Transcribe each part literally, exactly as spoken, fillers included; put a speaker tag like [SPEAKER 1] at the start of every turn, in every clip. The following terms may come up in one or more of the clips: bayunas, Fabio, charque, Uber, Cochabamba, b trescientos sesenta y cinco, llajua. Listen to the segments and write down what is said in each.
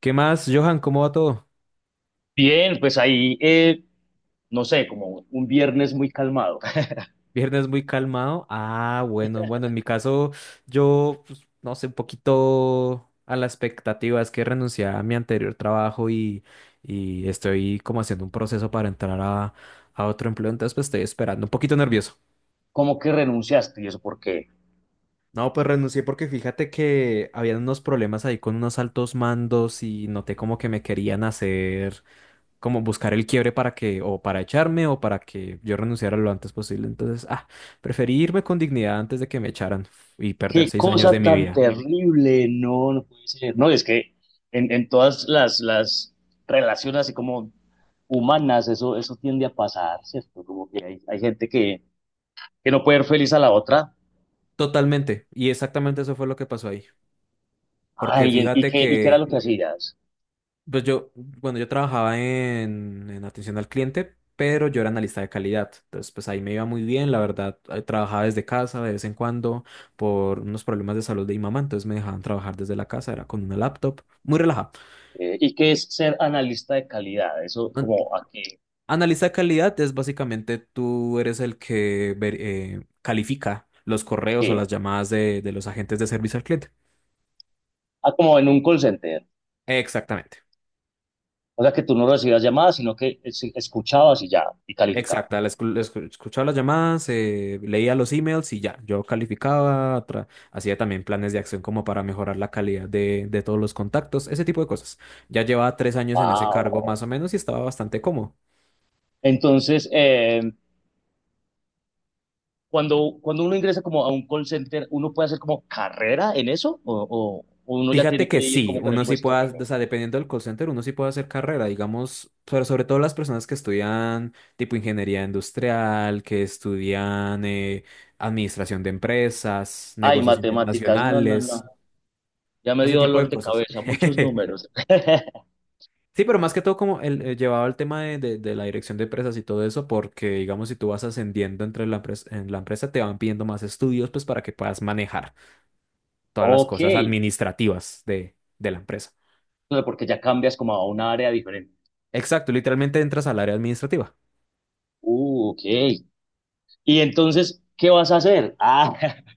[SPEAKER 1] ¿Qué más, Johan? ¿Cómo va todo?
[SPEAKER 2] Bien, pues ahí, eh, no sé, como un viernes muy calmado.
[SPEAKER 1] Viernes muy calmado. Ah, bueno, bueno, en mi caso, yo, pues, no sé, un poquito a la expectativa. Es que renuncié a mi anterior trabajo y, y estoy como haciendo un proceso para entrar a, a otro empleo. Entonces, pues estoy esperando, un poquito nervioso.
[SPEAKER 2] ¿Cómo que renunciaste? ¿Y eso por qué?
[SPEAKER 1] No, pues renuncié porque fíjate que habían unos problemas ahí con unos altos mandos y noté como que me querían hacer, como buscar el quiebre para que, o para echarme, o para que yo renunciara lo antes posible. Entonces, ah, preferí irme con dignidad antes de que me echaran y perder
[SPEAKER 2] Qué
[SPEAKER 1] seis años
[SPEAKER 2] cosa
[SPEAKER 1] de mi
[SPEAKER 2] tan
[SPEAKER 1] vida.
[SPEAKER 2] terrible, no, no puede ser. No, es que en, en todas las, las relaciones así como humanas, eso, eso tiende a pasar, ¿cierto? Como que hay, hay gente que, que no puede ser feliz a la otra.
[SPEAKER 1] Totalmente. Y exactamente eso fue lo que pasó ahí. Porque
[SPEAKER 2] Ay, ¿y
[SPEAKER 1] fíjate
[SPEAKER 2] qué, y qué era
[SPEAKER 1] que,
[SPEAKER 2] lo que hacías?
[SPEAKER 1] pues yo, bueno, yo trabajaba en, en atención al cliente, pero yo era analista de calidad. Entonces, pues ahí me iba muy bien, la verdad. eh, Trabajaba desde casa de vez en cuando por unos problemas de salud de mi mamá, entonces me dejaban trabajar desde la casa, era con una laptop, muy relajado.
[SPEAKER 2] Eh, ¿y qué es ser analista de calidad? Eso como aquí,
[SPEAKER 1] Analiza calidad es básicamente tú eres el que ver- eh, califica los correos o
[SPEAKER 2] ¿qué?
[SPEAKER 1] las llamadas de, de los agentes de servicio al cliente.
[SPEAKER 2] Ah, como en un call center.
[SPEAKER 1] Exactamente.
[SPEAKER 2] O sea que tú no recibías llamadas, sino que es- escuchabas y ya, y calificabas.
[SPEAKER 1] Exacta. la escu- la escu- Escuchaba las llamadas, eh, leía los emails y ya. Yo calificaba, tra- hacía también planes de acción como para mejorar la calidad de, de todos los contactos, ese tipo de cosas. Ya llevaba tres años en ese cargo más
[SPEAKER 2] ¡Wow!
[SPEAKER 1] o menos y estaba bastante cómodo.
[SPEAKER 2] Entonces, eh, cuando, cuando uno ingresa como a un call center, ¿uno puede hacer como carrera en eso? ¿O, o- o uno ya
[SPEAKER 1] Fíjate
[SPEAKER 2] tiene que
[SPEAKER 1] que
[SPEAKER 2] ir
[SPEAKER 1] sí,
[SPEAKER 2] como con el
[SPEAKER 1] uno
[SPEAKER 2] sí
[SPEAKER 1] sí
[SPEAKER 2] puesto
[SPEAKER 1] puede, o
[SPEAKER 2] fijo?
[SPEAKER 1] sea, dependiendo del call center, uno sí puede hacer carrera, digamos, sobre, sobre todo las personas que estudian tipo ingeniería industrial, que estudian eh, administración de empresas,
[SPEAKER 2] Ay,
[SPEAKER 1] negocios
[SPEAKER 2] matemáticas, no, no, no.
[SPEAKER 1] internacionales,
[SPEAKER 2] Ya me
[SPEAKER 1] ese
[SPEAKER 2] dio
[SPEAKER 1] tipo de
[SPEAKER 2] dolor de
[SPEAKER 1] cosas.
[SPEAKER 2] cabeza, muchos números.
[SPEAKER 1] Sí, pero más que todo como el, eh, llevado al tema de, de- de la dirección de empresas y todo eso, porque digamos, si tú vas ascendiendo entre la empresa, en la empresa, te van pidiendo más estudios, pues para que puedas manejar todas las
[SPEAKER 2] Ok,
[SPEAKER 1] cosas administrativas de de la empresa.
[SPEAKER 2] pero porque ya cambias como a un área diferente.
[SPEAKER 1] Exacto, literalmente entras al área administrativa.
[SPEAKER 2] Uh, ok. Y entonces, ¿qué vas a hacer? Ah,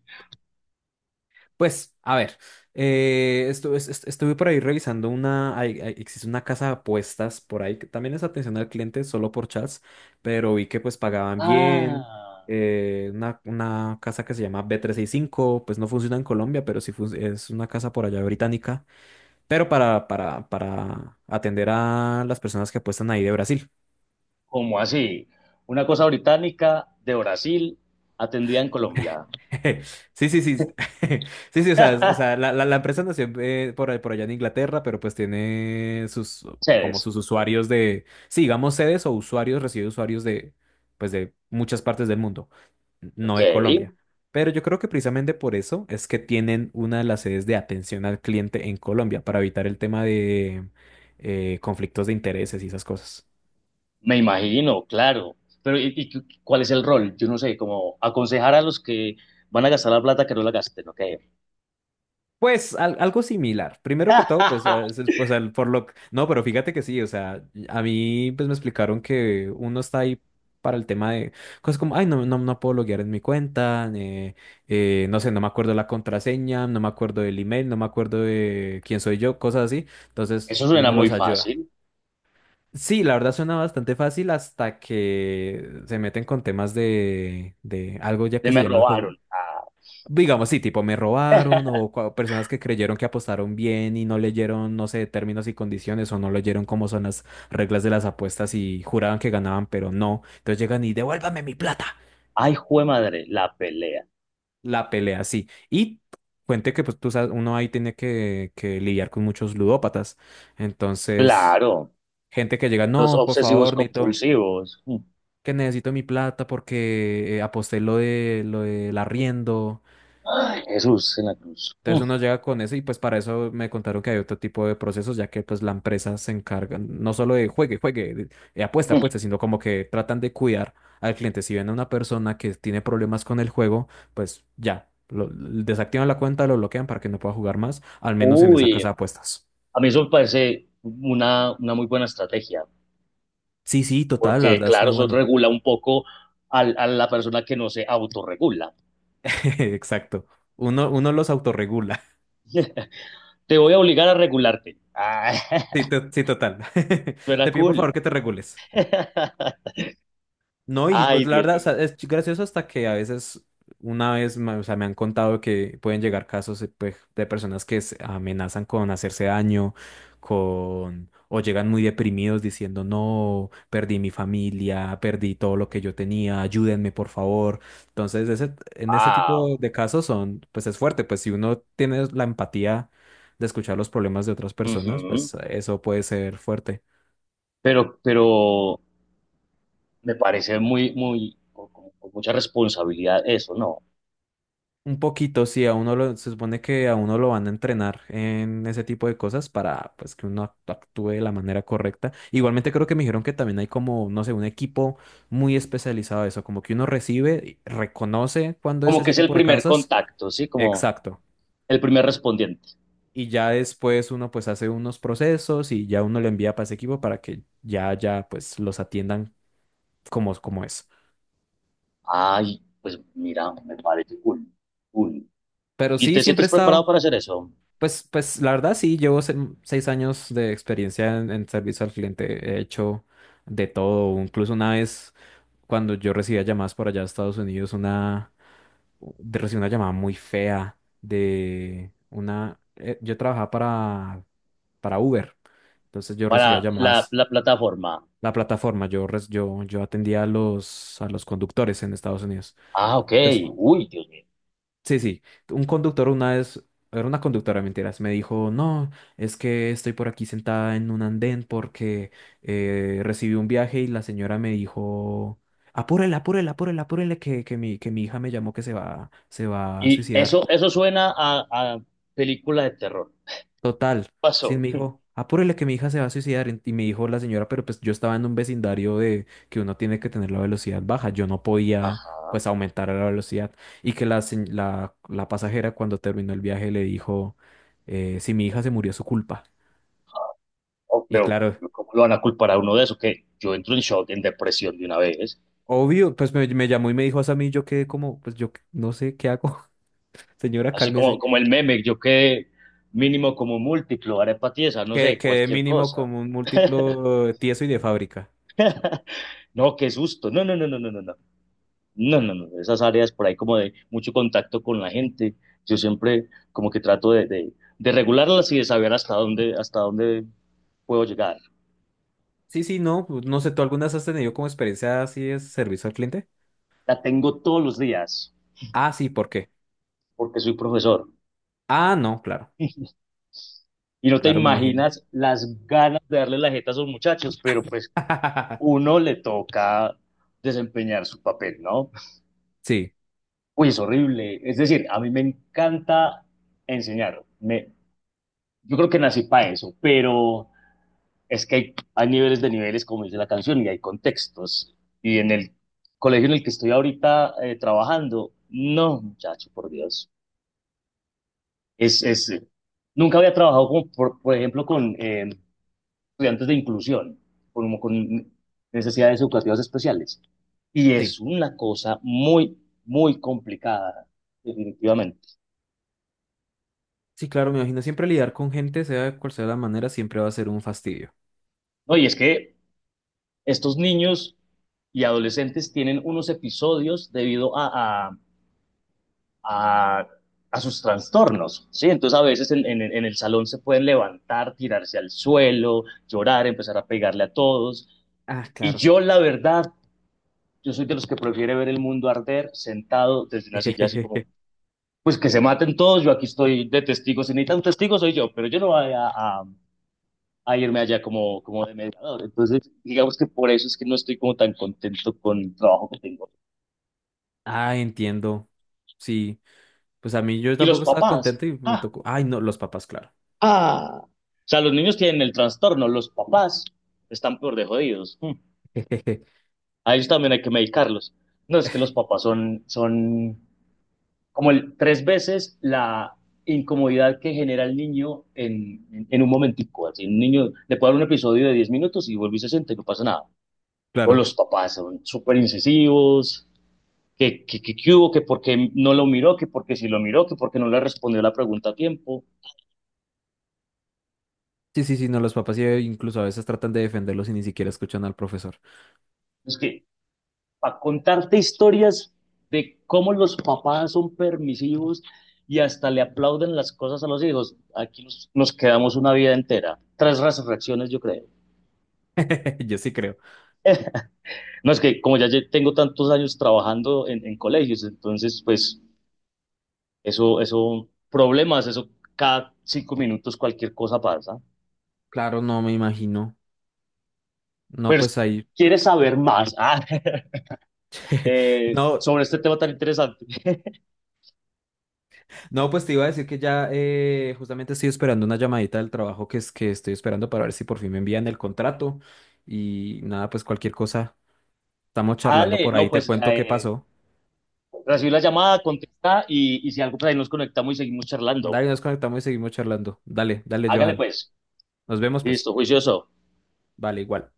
[SPEAKER 1] Pues, a ver, eh, estu- es- est- estuve por ahí revisando una, hay- hay- existe una casa de apuestas por ahí, que también es atención al cliente solo por chats, pero vi que pues pagaban bien,
[SPEAKER 2] ah.
[SPEAKER 1] eh, una, una casa que se llama b trescientos sesenta y cinco, pues no funciona en Colombia, pero sí fun- es una casa por allá británica, pero para, para, para atender a las personas que apuestan ahí de Brasil.
[SPEAKER 2] ¿Cómo así? Una cosa británica de Brasil atendida en Colombia.
[SPEAKER 1] Sí, sí, sí. Sí, sí, o sea, es- o sea, la, la, la empresa nació eh, por, por allá en Inglaterra, pero pues tiene sus, como
[SPEAKER 2] Chévez.
[SPEAKER 1] sus usuarios de, sí, digamos sedes o usuarios, recibe usuarios de, pues de muchas partes del mundo, no
[SPEAKER 2] Ok,
[SPEAKER 1] de Colombia. Pero yo creo que precisamente por eso es que tienen una de las sedes de atención al cliente en Colombia, para evitar el tema de eh, conflictos de intereses y esas cosas.
[SPEAKER 2] me imagino, claro. Pero ¿y, y cu- cuál es el rol? Yo no sé, como aconsejar a los que van a gastar la plata que no la gasten, ok.
[SPEAKER 1] Pues al- algo similar. Primero que todo, pues, ah, es- es- pues al Forlock. No, pero fíjate que sí, o sea, a mí pues me explicaron que uno está ahí para el tema de cosas como, ay, no, no, no puedo loguear en mi cuenta, eh, eh, no sé, no me acuerdo la contraseña, no me acuerdo del email, no me acuerdo de quién soy yo, cosas así. Entonces,
[SPEAKER 2] Eso suena
[SPEAKER 1] uno
[SPEAKER 2] muy
[SPEAKER 1] los ayuda.
[SPEAKER 2] fácil.
[SPEAKER 1] Sí, la verdad suena bastante fácil hasta que se meten con temas de, de algo ya que
[SPEAKER 2] De
[SPEAKER 1] se
[SPEAKER 2] me
[SPEAKER 1] llama el juego.
[SPEAKER 2] robaron. Ah,
[SPEAKER 1] Digamos, sí, tipo me robaron o cua- personas que creyeron que apostaron bien y no leyeron, no sé, términos y condiciones o no leyeron cómo son las reglas de las apuestas y juraban que ganaban, pero no. Entonces llegan y devuélvame mi plata.
[SPEAKER 2] ay, jue madre, la pelea.
[SPEAKER 1] La pelea, sí. Y cuente que pues tú sabes, uno ahí tiene que, que lidiar con muchos ludópatas. Entonces,
[SPEAKER 2] Claro,
[SPEAKER 1] gente que llega,
[SPEAKER 2] los
[SPEAKER 1] no, por
[SPEAKER 2] obsesivos
[SPEAKER 1] favor, necesito,
[SPEAKER 2] compulsivos. Mm.
[SPEAKER 1] que necesito mi plata porque eh, aposté lo de, lo del arriendo.
[SPEAKER 2] Ay, Jesús en la cruz.
[SPEAKER 1] Entonces
[SPEAKER 2] Mm,
[SPEAKER 1] uno llega con eso y pues para eso me contaron que hay otro tipo de procesos, ya que pues la empresa se encarga no solo de juegue, juegue, de- eh, apuesta,
[SPEAKER 2] mm.
[SPEAKER 1] apuesta, sino como que tratan de cuidar al cliente. Si ven a una persona que tiene problemas con el juego, pues ya, lo- desactivan la cuenta, lo bloquean para que no pueda jugar más, al menos en esa casa
[SPEAKER 2] Uy,
[SPEAKER 1] de apuestas.
[SPEAKER 2] a mí eso me parece una, una muy buena estrategia,
[SPEAKER 1] Sí, sí, total, la
[SPEAKER 2] porque
[SPEAKER 1] verdad es
[SPEAKER 2] claro,
[SPEAKER 1] muy
[SPEAKER 2] eso
[SPEAKER 1] bueno.
[SPEAKER 2] regula un poco al- a la persona que no se autorregula.
[SPEAKER 1] Exacto. Uno, uno los autorregula.
[SPEAKER 2] Te voy a obligar a regularte. Ah,
[SPEAKER 1] Sí, to- sí, total. Te
[SPEAKER 2] suena
[SPEAKER 1] pido por
[SPEAKER 2] cool.
[SPEAKER 1] favor que te regules. No, y pues
[SPEAKER 2] Ay,
[SPEAKER 1] la
[SPEAKER 2] Dios
[SPEAKER 1] verdad, o
[SPEAKER 2] mío.
[SPEAKER 1] sea, es gracioso hasta que a veces, una vez, ma- o sea, me han contado que pueden llegar casos eh, pues, de personas que se amenazan con hacerse daño, con, o llegan muy deprimidos diciendo, no, perdí mi familia, perdí todo lo que yo tenía, ayúdenme, por favor. Entonces, ese, en ese tipo
[SPEAKER 2] Wow.
[SPEAKER 1] de casos son, pues es fuerte, pues si uno tiene la empatía de escuchar los problemas de otras personas,
[SPEAKER 2] Ujú.
[SPEAKER 1] pues eso puede ser fuerte.
[SPEAKER 2] Pero, pero me parece muy, muy, con, con- con mucha responsabilidad eso, ¿no?
[SPEAKER 1] Un poquito, sí, a uno lo, se supone que a uno lo van a entrenar en ese tipo de cosas para pues que uno act- actúe de la manera correcta. Igualmente creo que me dijeron que también hay como, no sé, un equipo muy especializado de eso, como que uno recibe, y reconoce cuando es
[SPEAKER 2] Como que
[SPEAKER 1] ese
[SPEAKER 2] es
[SPEAKER 1] tipo
[SPEAKER 2] el
[SPEAKER 1] de
[SPEAKER 2] primer
[SPEAKER 1] casos.
[SPEAKER 2] contacto, ¿sí? Como
[SPEAKER 1] Exacto.
[SPEAKER 2] el primer respondiente.
[SPEAKER 1] Y ya después uno pues hace unos procesos y ya uno lo envía para ese equipo para que ya, ya pues los atiendan como, como es.
[SPEAKER 2] Ay, pues mira, me parece cool, cool.
[SPEAKER 1] Pero
[SPEAKER 2] ¿Y
[SPEAKER 1] sí,
[SPEAKER 2] te
[SPEAKER 1] siempre he
[SPEAKER 2] sientes preparado
[SPEAKER 1] estado.
[SPEAKER 2] para hacer eso?
[SPEAKER 1] Pues, pues la verdad sí, llevo se- seis años de experiencia en, en servicio al cliente. He hecho de todo. Incluso una vez cuando yo recibía llamadas por allá a Estados Unidos, una de- recibí una llamada muy fea de una. Eh, yo trabajaba para, para Uber. Entonces yo recibía
[SPEAKER 2] Para la,
[SPEAKER 1] llamadas.
[SPEAKER 2] la plataforma.
[SPEAKER 1] La plataforma, yo, res- yo, yo atendía a los, a los conductores en Estados Unidos.
[SPEAKER 2] Ah, ok.
[SPEAKER 1] Entonces,
[SPEAKER 2] Uy, Dios mío.
[SPEAKER 1] sí, sí. Un conductor una vez, era una conductora, mentiras, me dijo, no, es que estoy por aquí sentada en un andén porque eh, recibí un viaje y la señora me dijo, apúrele, apúrele, apúrele, apúrele, que, que mi, que mi hija me llamó que se va, se va a
[SPEAKER 2] Y
[SPEAKER 1] suicidar.
[SPEAKER 2] eso, eso suena a, a película de terror.
[SPEAKER 1] Total. Sí,
[SPEAKER 2] Pasó.
[SPEAKER 1] me dijo, apúrele que mi hija se va a suicidar. Y y me dijo la señora, pero pues yo estaba en un vecindario de que uno tiene que tener la velocidad baja. Yo no podía,
[SPEAKER 2] Ajá.
[SPEAKER 1] pues, aumentar la velocidad. Y que la, se- la, la pasajera, cuando terminó el viaje, le dijo, eh, si mi hija se murió, es su culpa.
[SPEAKER 2] Oh,
[SPEAKER 1] Y
[SPEAKER 2] pero,
[SPEAKER 1] claro,
[SPEAKER 2] pero ¿cómo lo van a culpar a uno de eso? Que yo entro en shock, en depresión de una vez.
[SPEAKER 1] obvio, pues me, me llamó y me dijo eso a mí. Yo quedé como, pues yo qué- no sé qué hago. Señora,
[SPEAKER 2] Así como,
[SPEAKER 1] cálmese.
[SPEAKER 2] como el meme, yo quedé mínimo como múltiplo, arepa tiesa, no
[SPEAKER 1] Que
[SPEAKER 2] sé,
[SPEAKER 1] quedé
[SPEAKER 2] cualquier
[SPEAKER 1] mínimo
[SPEAKER 2] cosa.
[SPEAKER 1] como un múltiplo eh, tieso y de fábrica.
[SPEAKER 2] No, qué susto. No, no, no, no, no, no, no. No, no, no, esas áreas por ahí como de mucho contacto con la gente, yo siempre como que trato de, de, de regularlas y de saber hasta dónde, hasta dónde puedo llegar.
[SPEAKER 1] Sí, sí, no, pues, no sé, ¿tú algunas has tenido como experiencia así de servicio al cliente?
[SPEAKER 2] La tengo todos los días
[SPEAKER 1] Ah, sí, ¿por qué?
[SPEAKER 2] porque soy profesor
[SPEAKER 1] Ah, no, claro,
[SPEAKER 2] y no te
[SPEAKER 1] claro, me imagino.
[SPEAKER 2] imaginas las ganas de darle la jeta a esos muchachos, pero pues uno le toca desempeñar su papel, ¿no?
[SPEAKER 1] Sí,
[SPEAKER 2] Uy, es horrible. Es decir, a mí me encanta enseñar. Me, yo creo que nací para eso, pero es que hay, hay niveles de niveles, como dice la canción, y hay contextos. Y en el colegio en el que estoy ahorita eh, trabajando, no, muchacho, por Dios. Es, es, eh, Nunca había trabajado, como por, por ejemplo, con eh, estudiantes de inclusión, como con necesidades educativas especiales. Y
[SPEAKER 1] sí,
[SPEAKER 2] es una cosa muy, muy complicada, definitivamente.
[SPEAKER 1] sí, claro, me imagino. Siempre lidiar con gente, sea cual sea la manera, siempre va a ser un fastidio.
[SPEAKER 2] No, y es que estos niños y adolescentes tienen unos episodios debido a, a, a sus trastornos, ¿sí? Entonces a veces en, en- en el salón se pueden levantar, tirarse al suelo, llorar, empezar a pegarle a todos.
[SPEAKER 1] Ah,
[SPEAKER 2] Y
[SPEAKER 1] claro.
[SPEAKER 2] yo, la verdad, yo soy de los que prefiere ver el mundo arder sentado desde una silla así como, pues que se maten todos, yo aquí estoy de testigo, si necesitan un testigo soy yo, pero yo no voy a, a- a irme allá como, como de mediador. Entonces, digamos que por eso es que no estoy como tan contento con el trabajo que tengo.
[SPEAKER 1] Ah, entiendo. Sí, pues a mí yo
[SPEAKER 2] Y los
[SPEAKER 1] tampoco estaba
[SPEAKER 2] papás.
[SPEAKER 1] contento y me
[SPEAKER 2] Ah,
[SPEAKER 1] tocó. Ay, no, los papás, claro.
[SPEAKER 2] ah, o sea, los niños tienen el trastorno, los papás están peor de jodidos. Mm. A ellos también hay que medicarlos. No, es que los papás son, son como el- tres veces la incomodidad que genera el niño en, en, en un momentico. Así, un niño le puede dar un episodio de diez minutos y vuelve y se siente, no pasa nada. O
[SPEAKER 1] Claro.
[SPEAKER 2] los papás son súper incisivos, que, que, que, que hubo, que porque no lo miró, que porque si lo miró, que porque no le respondió la pregunta a tiempo.
[SPEAKER 1] Sí, sí, sí, no, los papás eh, incluso a veces tratan de defenderlos y ni siquiera escuchan al profesor.
[SPEAKER 2] Es que para contarte historias de cómo los papás son permisivos y hasta le aplauden las cosas a los hijos. Aquí nos, nos quedamos una vida entera, tres resurrecciones yo creo.
[SPEAKER 1] Yo sí creo.
[SPEAKER 2] No, es que como ya tengo tantos años trabajando en, en colegios, entonces pues eso, eso, problemas, eso cada cinco minutos cualquier cosa pasa.
[SPEAKER 1] Claro, no me imagino. No,
[SPEAKER 2] Pero si
[SPEAKER 1] pues ahí.
[SPEAKER 2] quieres saber más ah, eh,
[SPEAKER 1] No,
[SPEAKER 2] sobre este tema tan interesante,
[SPEAKER 1] no, pues te iba a decir que ya eh, justamente estoy esperando una llamadita del trabajo que es que estoy esperando para ver si por fin me envían el contrato. Y nada, pues cualquier cosa. Estamos charlando
[SPEAKER 2] dale,
[SPEAKER 1] por ahí,
[SPEAKER 2] no,
[SPEAKER 1] te
[SPEAKER 2] pues
[SPEAKER 1] cuento qué
[SPEAKER 2] eh,
[SPEAKER 1] pasó.
[SPEAKER 2] recibí la llamada, contesta y, y si algo, pues ahí nos conectamos y seguimos charlando.
[SPEAKER 1] Dale, nos conectamos y seguimos charlando. Dale, dale,
[SPEAKER 2] Hágale
[SPEAKER 1] Johan.
[SPEAKER 2] pues.
[SPEAKER 1] Nos vemos pues.
[SPEAKER 2] Listo, juicioso.
[SPEAKER 1] Vale, igual.